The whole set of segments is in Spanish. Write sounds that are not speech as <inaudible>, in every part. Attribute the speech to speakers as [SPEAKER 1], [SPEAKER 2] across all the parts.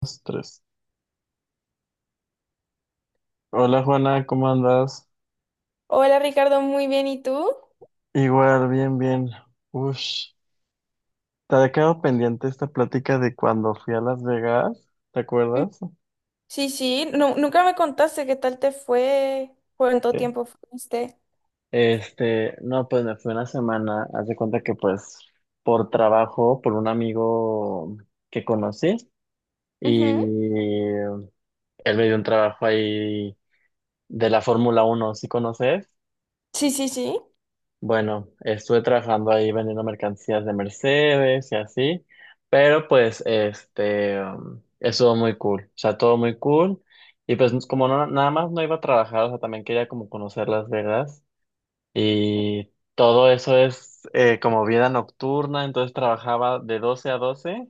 [SPEAKER 1] Dos, tres. Hola Juana, ¿cómo andas?
[SPEAKER 2] Hola Ricardo, muy bien, ¿y tú?
[SPEAKER 1] Igual, bien, bien. Ush, te había quedado pendiente esta plática de cuando fui a Las Vegas, ¿te
[SPEAKER 2] Mm,
[SPEAKER 1] acuerdas?
[SPEAKER 2] sí, sí, nunca me contaste qué tal te fue, cuánto
[SPEAKER 1] Sí.
[SPEAKER 2] tiempo fuiste.
[SPEAKER 1] Este, no, pues me fui una semana, haz de cuenta que pues por trabajo, por un amigo que conocí y
[SPEAKER 2] Ujú.
[SPEAKER 1] él me dio un trabajo ahí de la Fórmula Uno. ¿Sí conoces?
[SPEAKER 2] Sí, sí, sí.
[SPEAKER 1] Bueno, estuve trabajando ahí vendiendo mercancías de Mercedes y así, pero pues estuvo muy cool, o sea, todo muy cool. Y pues como no, nada más no iba a trabajar, o sea, también quería como conocer Las Vegas y todo eso es como vida nocturna. Entonces trabajaba de 12 a 12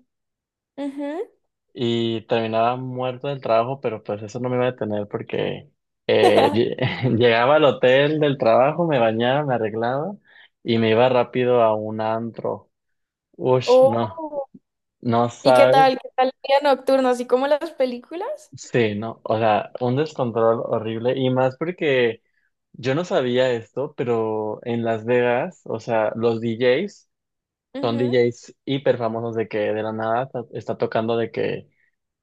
[SPEAKER 2] Ujú.
[SPEAKER 1] y terminaba muerto del trabajo, pero pues eso no me iba a detener porque
[SPEAKER 2] <laughs>
[SPEAKER 1] <laughs> llegaba al hotel del trabajo, me bañaba, me arreglaba y me iba rápido a un antro. Ush, no,
[SPEAKER 2] Oh.
[SPEAKER 1] no
[SPEAKER 2] ¿Y qué
[SPEAKER 1] sabes.
[SPEAKER 2] tal? ¿Qué tal el día nocturno? ¿Así como las películas?
[SPEAKER 1] Sí, no, o sea, un descontrol horrible y más porque yo no sabía esto, pero en Las Vegas, o sea, los DJs son
[SPEAKER 2] Ujú.
[SPEAKER 1] DJs hiper famosos. De que de la nada está tocando, de que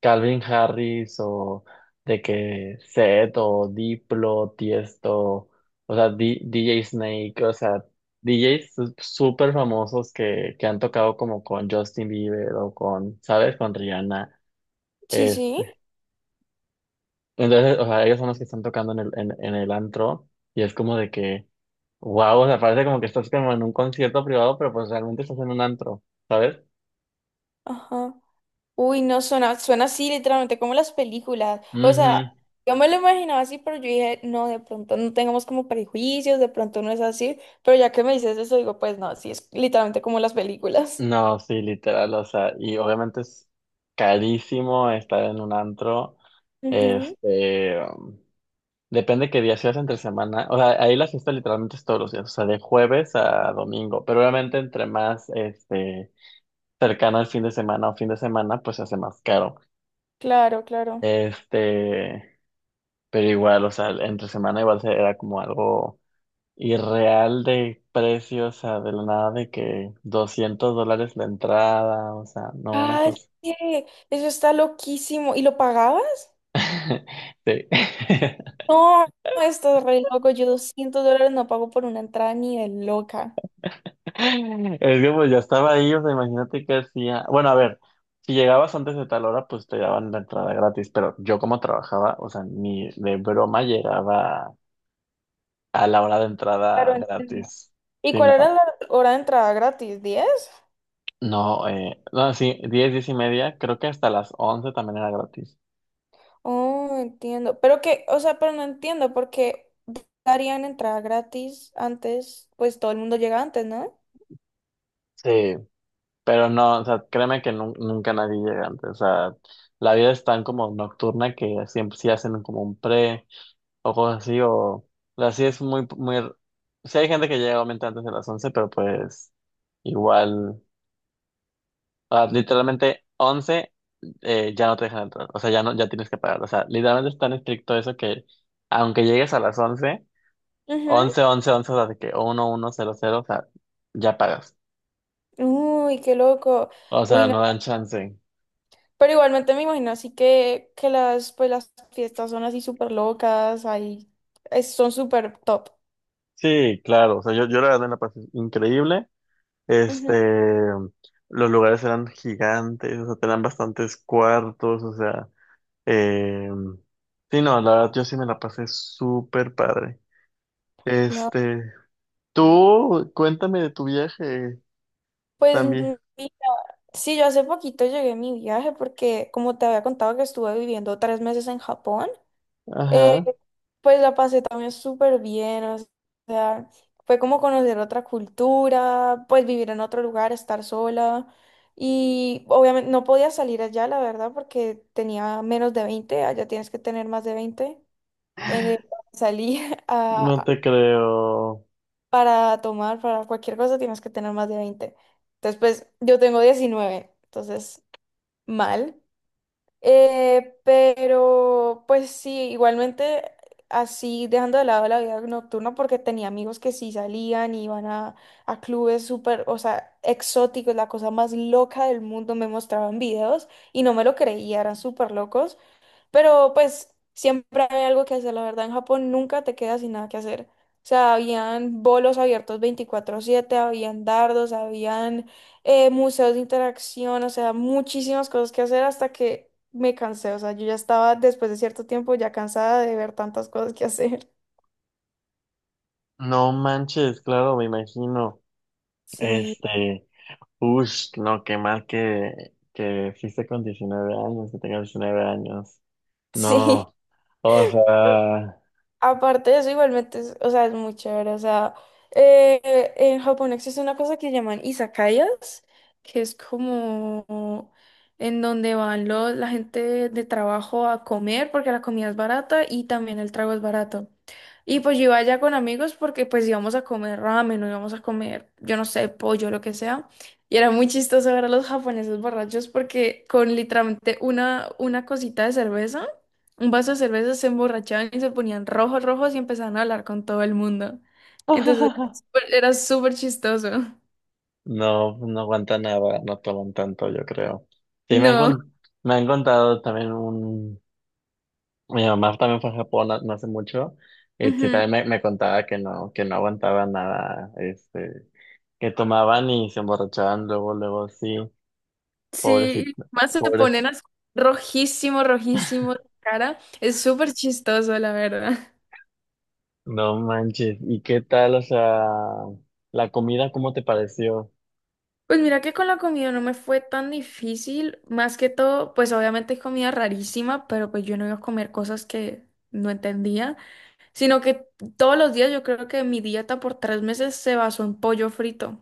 [SPEAKER 1] Calvin Harris o de que Seth o Diplo, Tiesto, o sea, DJ Snake, o sea, súper famosos que han tocado como con Justin Bieber o con, ¿sabes? Con Rihanna.
[SPEAKER 2] Sí, sí.
[SPEAKER 1] Este. Entonces, o sea, ellos son los que están tocando en el antro y es como de que wow, o sea, parece como que estás como en un concierto privado, pero pues realmente estás en un antro, ¿sabes?
[SPEAKER 2] Ajá. Uy, no, suena así literalmente como las películas. O sea,
[SPEAKER 1] Ujú.
[SPEAKER 2] yo me lo imaginaba así, pero yo dije, no, de pronto no tengamos como prejuicios, de pronto no es así. Pero ya que me dices eso, digo, pues no, sí, es literalmente como las películas.
[SPEAKER 1] No, sí, literal, o sea, y obviamente es carísimo estar en un antro, este, um, depende qué día seas entre semana. O sea, ahí la fiesta literalmente es todos los días, o sea, de jueves a domingo, pero obviamente entre más, este, cercano al fin de semana o fin de semana, pues se hace más caro,
[SPEAKER 2] Claro, claro.
[SPEAKER 1] este, pero igual, o sea, entre semana igual era como algo irreal de precios, o sea, de la nada de que $200 la entrada, o sea, no, una
[SPEAKER 2] Calle,
[SPEAKER 1] cosa.
[SPEAKER 2] eso está loquísimo. ¿Y lo pagabas?
[SPEAKER 1] Sí. <laughs>
[SPEAKER 2] No, esto es re loco. Yo $200 no pago por una entrada ni de loca.
[SPEAKER 1] Es que pues ya estaba ahí, o sea, imagínate qué hacía. Bueno, a ver, si llegabas antes de tal hora, pues te daban la entrada gratis, pero yo como trabajaba, o sea, ni de broma llegaba a la hora de entrada
[SPEAKER 2] Claro, entiendo.
[SPEAKER 1] gratis.
[SPEAKER 2] ¿Y
[SPEAKER 1] Sí,
[SPEAKER 2] cuál era
[SPEAKER 1] no,
[SPEAKER 2] la hora de entrada gratis? 10.
[SPEAKER 1] no, no, sí, 10, 10:30, creo que hasta las 11 también era gratis.
[SPEAKER 2] Oh, entiendo. Pero que, o sea, pero no entiendo porque darían entrada gratis antes, pues todo el mundo llega antes, ¿no?
[SPEAKER 1] Sí, pero no, o sea, créeme que nunca nadie llega antes, o sea, la vida es tan como nocturna que siempre sí hacen como un pre, o cosas así. O así es muy, muy, sí hay gente que llega obviamente antes de las 11, pero pues igual, ah, literalmente 11, ya no te dejan entrar, o sea, ya no, ya tienes que pagar, o sea, literalmente es tan estricto eso que aunque llegues a las once
[SPEAKER 2] Ujú.
[SPEAKER 1] once once 11 o sea, de que 11:00, o sea, ya pagas,
[SPEAKER 2] Uy, qué loco.
[SPEAKER 1] o
[SPEAKER 2] Uy,
[SPEAKER 1] sea,
[SPEAKER 2] no.
[SPEAKER 1] no dan chance.
[SPEAKER 2] Pero igualmente me imagino así que las, pues las fiestas son así súper locas, ahí son súper top.
[SPEAKER 1] Sí, claro, o sea, yo la verdad me la pasé increíble,
[SPEAKER 2] Ujú,
[SPEAKER 1] este... Los lugares eran gigantes, o sea, tenían bastantes cuartos, o sea, Eh, sí, no, la verdad yo sí me la pasé súper padre.
[SPEAKER 2] claro.
[SPEAKER 1] Este, tú cuéntame de tu viaje
[SPEAKER 2] Pues
[SPEAKER 1] también.
[SPEAKER 2] mira, sí, yo hace poquito llegué a mi viaje porque como te había contado que estuve viviendo 3 meses en Japón. Eh,
[SPEAKER 1] Ajá,
[SPEAKER 2] pues la pasé también súper bien, o sea, fue como conocer otra cultura, pues vivir en otro lugar, estar sola. Y obviamente no podía salir allá, la verdad, porque tenía menos de 20. Allá tienes que tener más de 20. Eh, Salí <laughs>
[SPEAKER 1] no
[SPEAKER 2] a-
[SPEAKER 1] te creo.
[SPEAKER 2] para tomar, para cualquier cosa tienes que tener más de veinte. Entonces, pues yo tengo 19, entonces mal. Pero pues sí, igualmente así dejando de lado la vida nocturna porque tenía amigos que sí salían y iban a clubes súper, o sea, exóticos, la cosa más loca del mundo, me mostraban videos y no me lo creía, eran súper locos. Pero pues siempre hay algo que hacer, la verdad. En Japón nunca te quedas sin nada que hacer. O sea, habían bolos abiertos 24/7, habían dardos, habían museos de interacción, o sea, muchísimas cosas que hacer hasta que me cansé. O sea, yo ya estaba después de cierto tiempo ya cansada de ver tantas cosas que hacer.
[SPEAKER 1] No manches, claro, me imagino.
[SPEAKER 2] <laughs> Sí,
[SPEAKER 1] Este, uff, no, qué mal que fuiste con 19 años, que tengas 19 años.
[SPEAKER 2] sí.
[SPEAKER 1] No, o sea.
[SPEAKER 2] Aparte de eso, igualmente, o sea, es muy chévere. O sea, en Japón existe una cosa que llaman izakayas, que es como en donde van la gente de trabajo a comer porque la comida es barata y también el trago es barato. Y pues yo iba allá con amigos porque pues íbamos a comer ramen o íbamos a comer, yo no sé, pollo, lo que sea. Y era muy chistoso ver a los japoneses borrachos porque con literalmente una cosita de cerveza un vaso de cerveza, se emborrachaban y se ponían rojos, rojos y empezaban a hablar con todo el mundo. Entonces era
[SPEAKER 1] <laughs>
[SPEAKER 2] súper chistoso.
[SPEAKER 1] No, no aguantan nada, no toman tanto, yo creo. Sí, me han,
[SPEAKER 2] No,
[SPEAKER 1] me han contado también un... Mi mamá también fue a Japón no, no hace mucho, y sí,
[SPEAKER 2] ujú.
[SPEAKER 1] también me contaba que no aguantaba nada, este, que tomaban y se emborrachaban luego, luego, sí, pobrecito,
[SPEAKER 2] Sí, más se ponen
[SPEAKER 1] pobres,
[SPEAKER 2] rojísimo, rojísimo la cara. Es súper chistoso, la verdad.
[SPEAKER 1] no manches. ¿Y qué tal, o sea, la comida, cómo te pareció?
[SPEAKER 2] Pues mira que con la comida no me fue tan difícil, más que todo, pues obviamente es comida rarísima, pero pues yo no iba a comer cosas que no entendía, sino que todos los días yo creo que mi dieta por 3 meses se basó en pollo frito.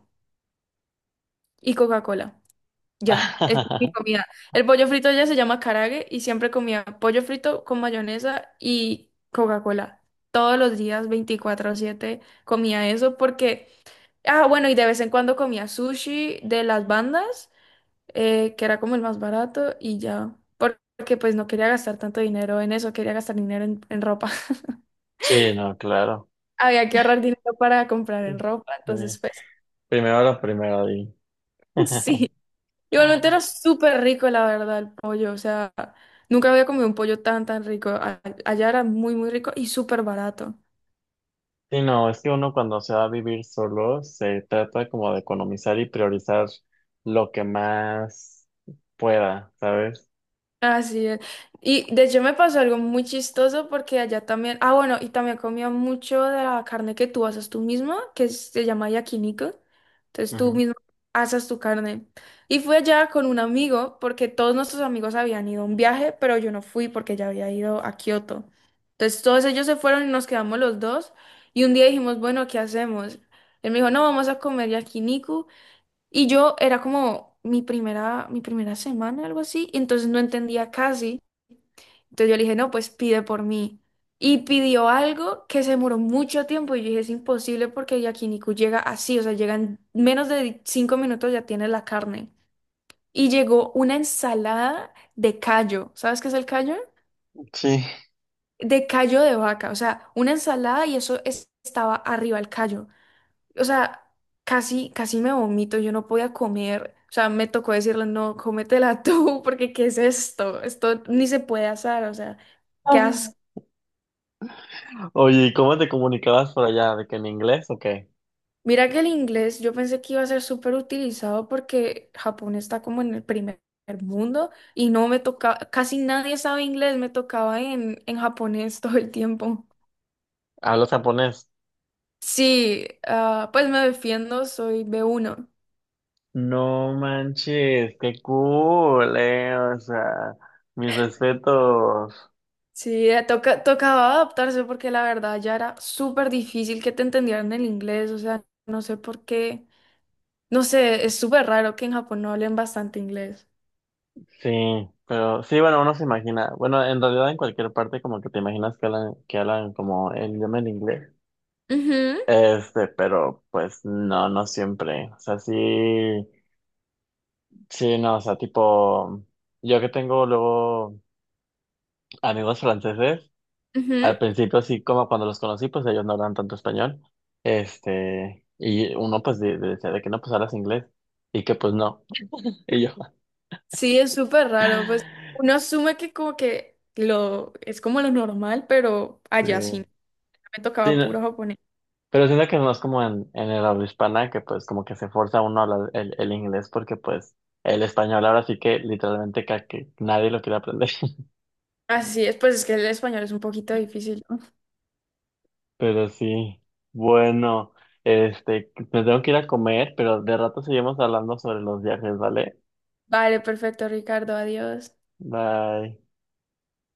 [SPEAKER 2] Y Coca-Cola. Ya, es mi
[SPEAKER 1] <laughs>
[SPEAKER 2] comida. El pollo frito ya se llama karaage y siempre comía pollo frito con mayonesa y Coca-Cola. Todos los días, 24/7 comía eso porque... Ah, bueno, y de vez en cuando comía sushi de las bandas, que era como el más barato y ya. Porque pues no quería gastar tanto dinero en eso, quería gastar dinero en ropa. <laughs>
[SPEAKER 1] Sí, no, claro.
[SPEAKER 2] Había que ahorrar dinero para comprar en ropa,
[SPEAKER 1] Sí.
[SPEAKER 2] entonces pues
[SPEAKER 1] Primero lo primero, di.
[SPEAKER 2] <laughs> sí.
[SPEAKER 1] <laughs>
[SPEAKER 2] Igualmente era súper rico, la verdad, el pollo. O sea, nunca había comido un pollo tan, tan rico. Allá era muy, muy rico y súper barato.
[SPEAKER 1] Sí, no, es que uno cuando se va a vivir solo se trata como de economizar y priorizar lo que más pueda, ¿sabes?
[SPEAKER 2] Así es. Y de hecho me pasó algo muy chistoso porque allá también, ah bueno, y también comía mucho de la carne que tú asas tú misma, que se llama yakiniku. Entonces tú
[SPEAKER 1] Ujú.
[SPEAKER 2] mismo asas tu carne. Y fui allá con un amigo porque todos nuestros amigos habían ido a un viaje, pero yo no fui porque ya había ido a Kioto. Entonces todos ellos se fueron y nos quedamos los dos. Y un día dijimos, bueno, ¿qué hacemos? Él me dijo, no, vamos a comer yakiniku. Y yo era como mi primera semana, algo así, y entonces no entendía casi. Entonces yo le dije, no, pues pide por mí. Y pidió algo que se demoró mucho tiempo y yo dije, es imposible porque yakiniku llega así, o sea, llega en menos de 5 minutos ya tiene la carne. Y llegó una ensalada de callo. ¿Sabes qué es el callo?
[SPEAKER 1] Sí.
[SPEAKER 2] De callo de vaca, o sea, una ensalada y eso estaba arriba el callo. O sea, casi, casi me vomito, yo no podía comer, o sea, me tocó decirle, no, cómetela tú, <laughs> porque ¿qué es esto? Esto ni se puede asar, o sea, qué
[SPEAKER 1] Ah.
[SPEAKER 2] asco.
[SPEAKER 1] Oye, ¿y cómo te comunicabas por allá? ¿De que en inglés o qué?
[SPEAKER 2] Mira que el inglés yo pensé que iba a ser súper utilizado porque Japón está como en el primer mundo y no me tocaba, casi nadie sabe inglés, me tocaba en japonés <laughs> todo el tiempo.
[SPEAKER 1] ¿Hablas japonés?
[SPEAKER 2] Sí, ah, pues me defiendo, soy B1.
[SPEAKER 1] No manches, qué cool, o sea, mis respetos.
[SPEAKER 2] Sí, tocaba adaptarse porque la verdad ya era súper difícil que te entendieran el inglés, o sea, no sé por qué, no sé, es súper raro que en Japón no hablen bastante inglés.
[SPEAKER 1] Sí, pero sí, bueno, uno se imagina, bueno, en realidad en cualquier parte como que te imaginas que hablan como el idioma en inglés.
[SPEAKER 2] Ujú,
[SPEAKER 1] Este, pero pues no, no siempre. O sea, sí, sí, no, o sea, tipo, yo que tengo luego amigos franceses,
[SPEAKER 2] ujú.
[SPEAKER 1] al principio sí, como cuando los conocí, pues ellos no hablan tanto español. Este, y uno pues decía de que no, pues hablas inglés y que pues no. <laughs> Y yo,
[SPEAKER 2] Sí, es súper raro, pues uno asume que como que lo es como lo normal, pero
[SPEAKER 1] sí,
[SPEAKER 2] allá sí, me
[SPEAKER 1] sí,
[SPEAKER 2] tocaba
[SPEAKER 1] no,
[SPEAKER 2] puro japonés.
[SPEAKER 1] pero siento que es más como en el habla hispana que pues como que se forza uno a hablar el inglés porque pues el español ahora sí que literalmente que nadie lo quiere aprender.
[SPEAKER 2] Así es, pues es que el español es un poquito difícil, ¿no?
[SPEAKER 1] Pero sí, bueno, este, me tengo que ir a comer, pero de rato seguimos hablando sobre los viajes, ¿vale?
[SPEAKER 2] Vale, perfecto, Ricardo, adiós.
[SPEAKER 1] Bye.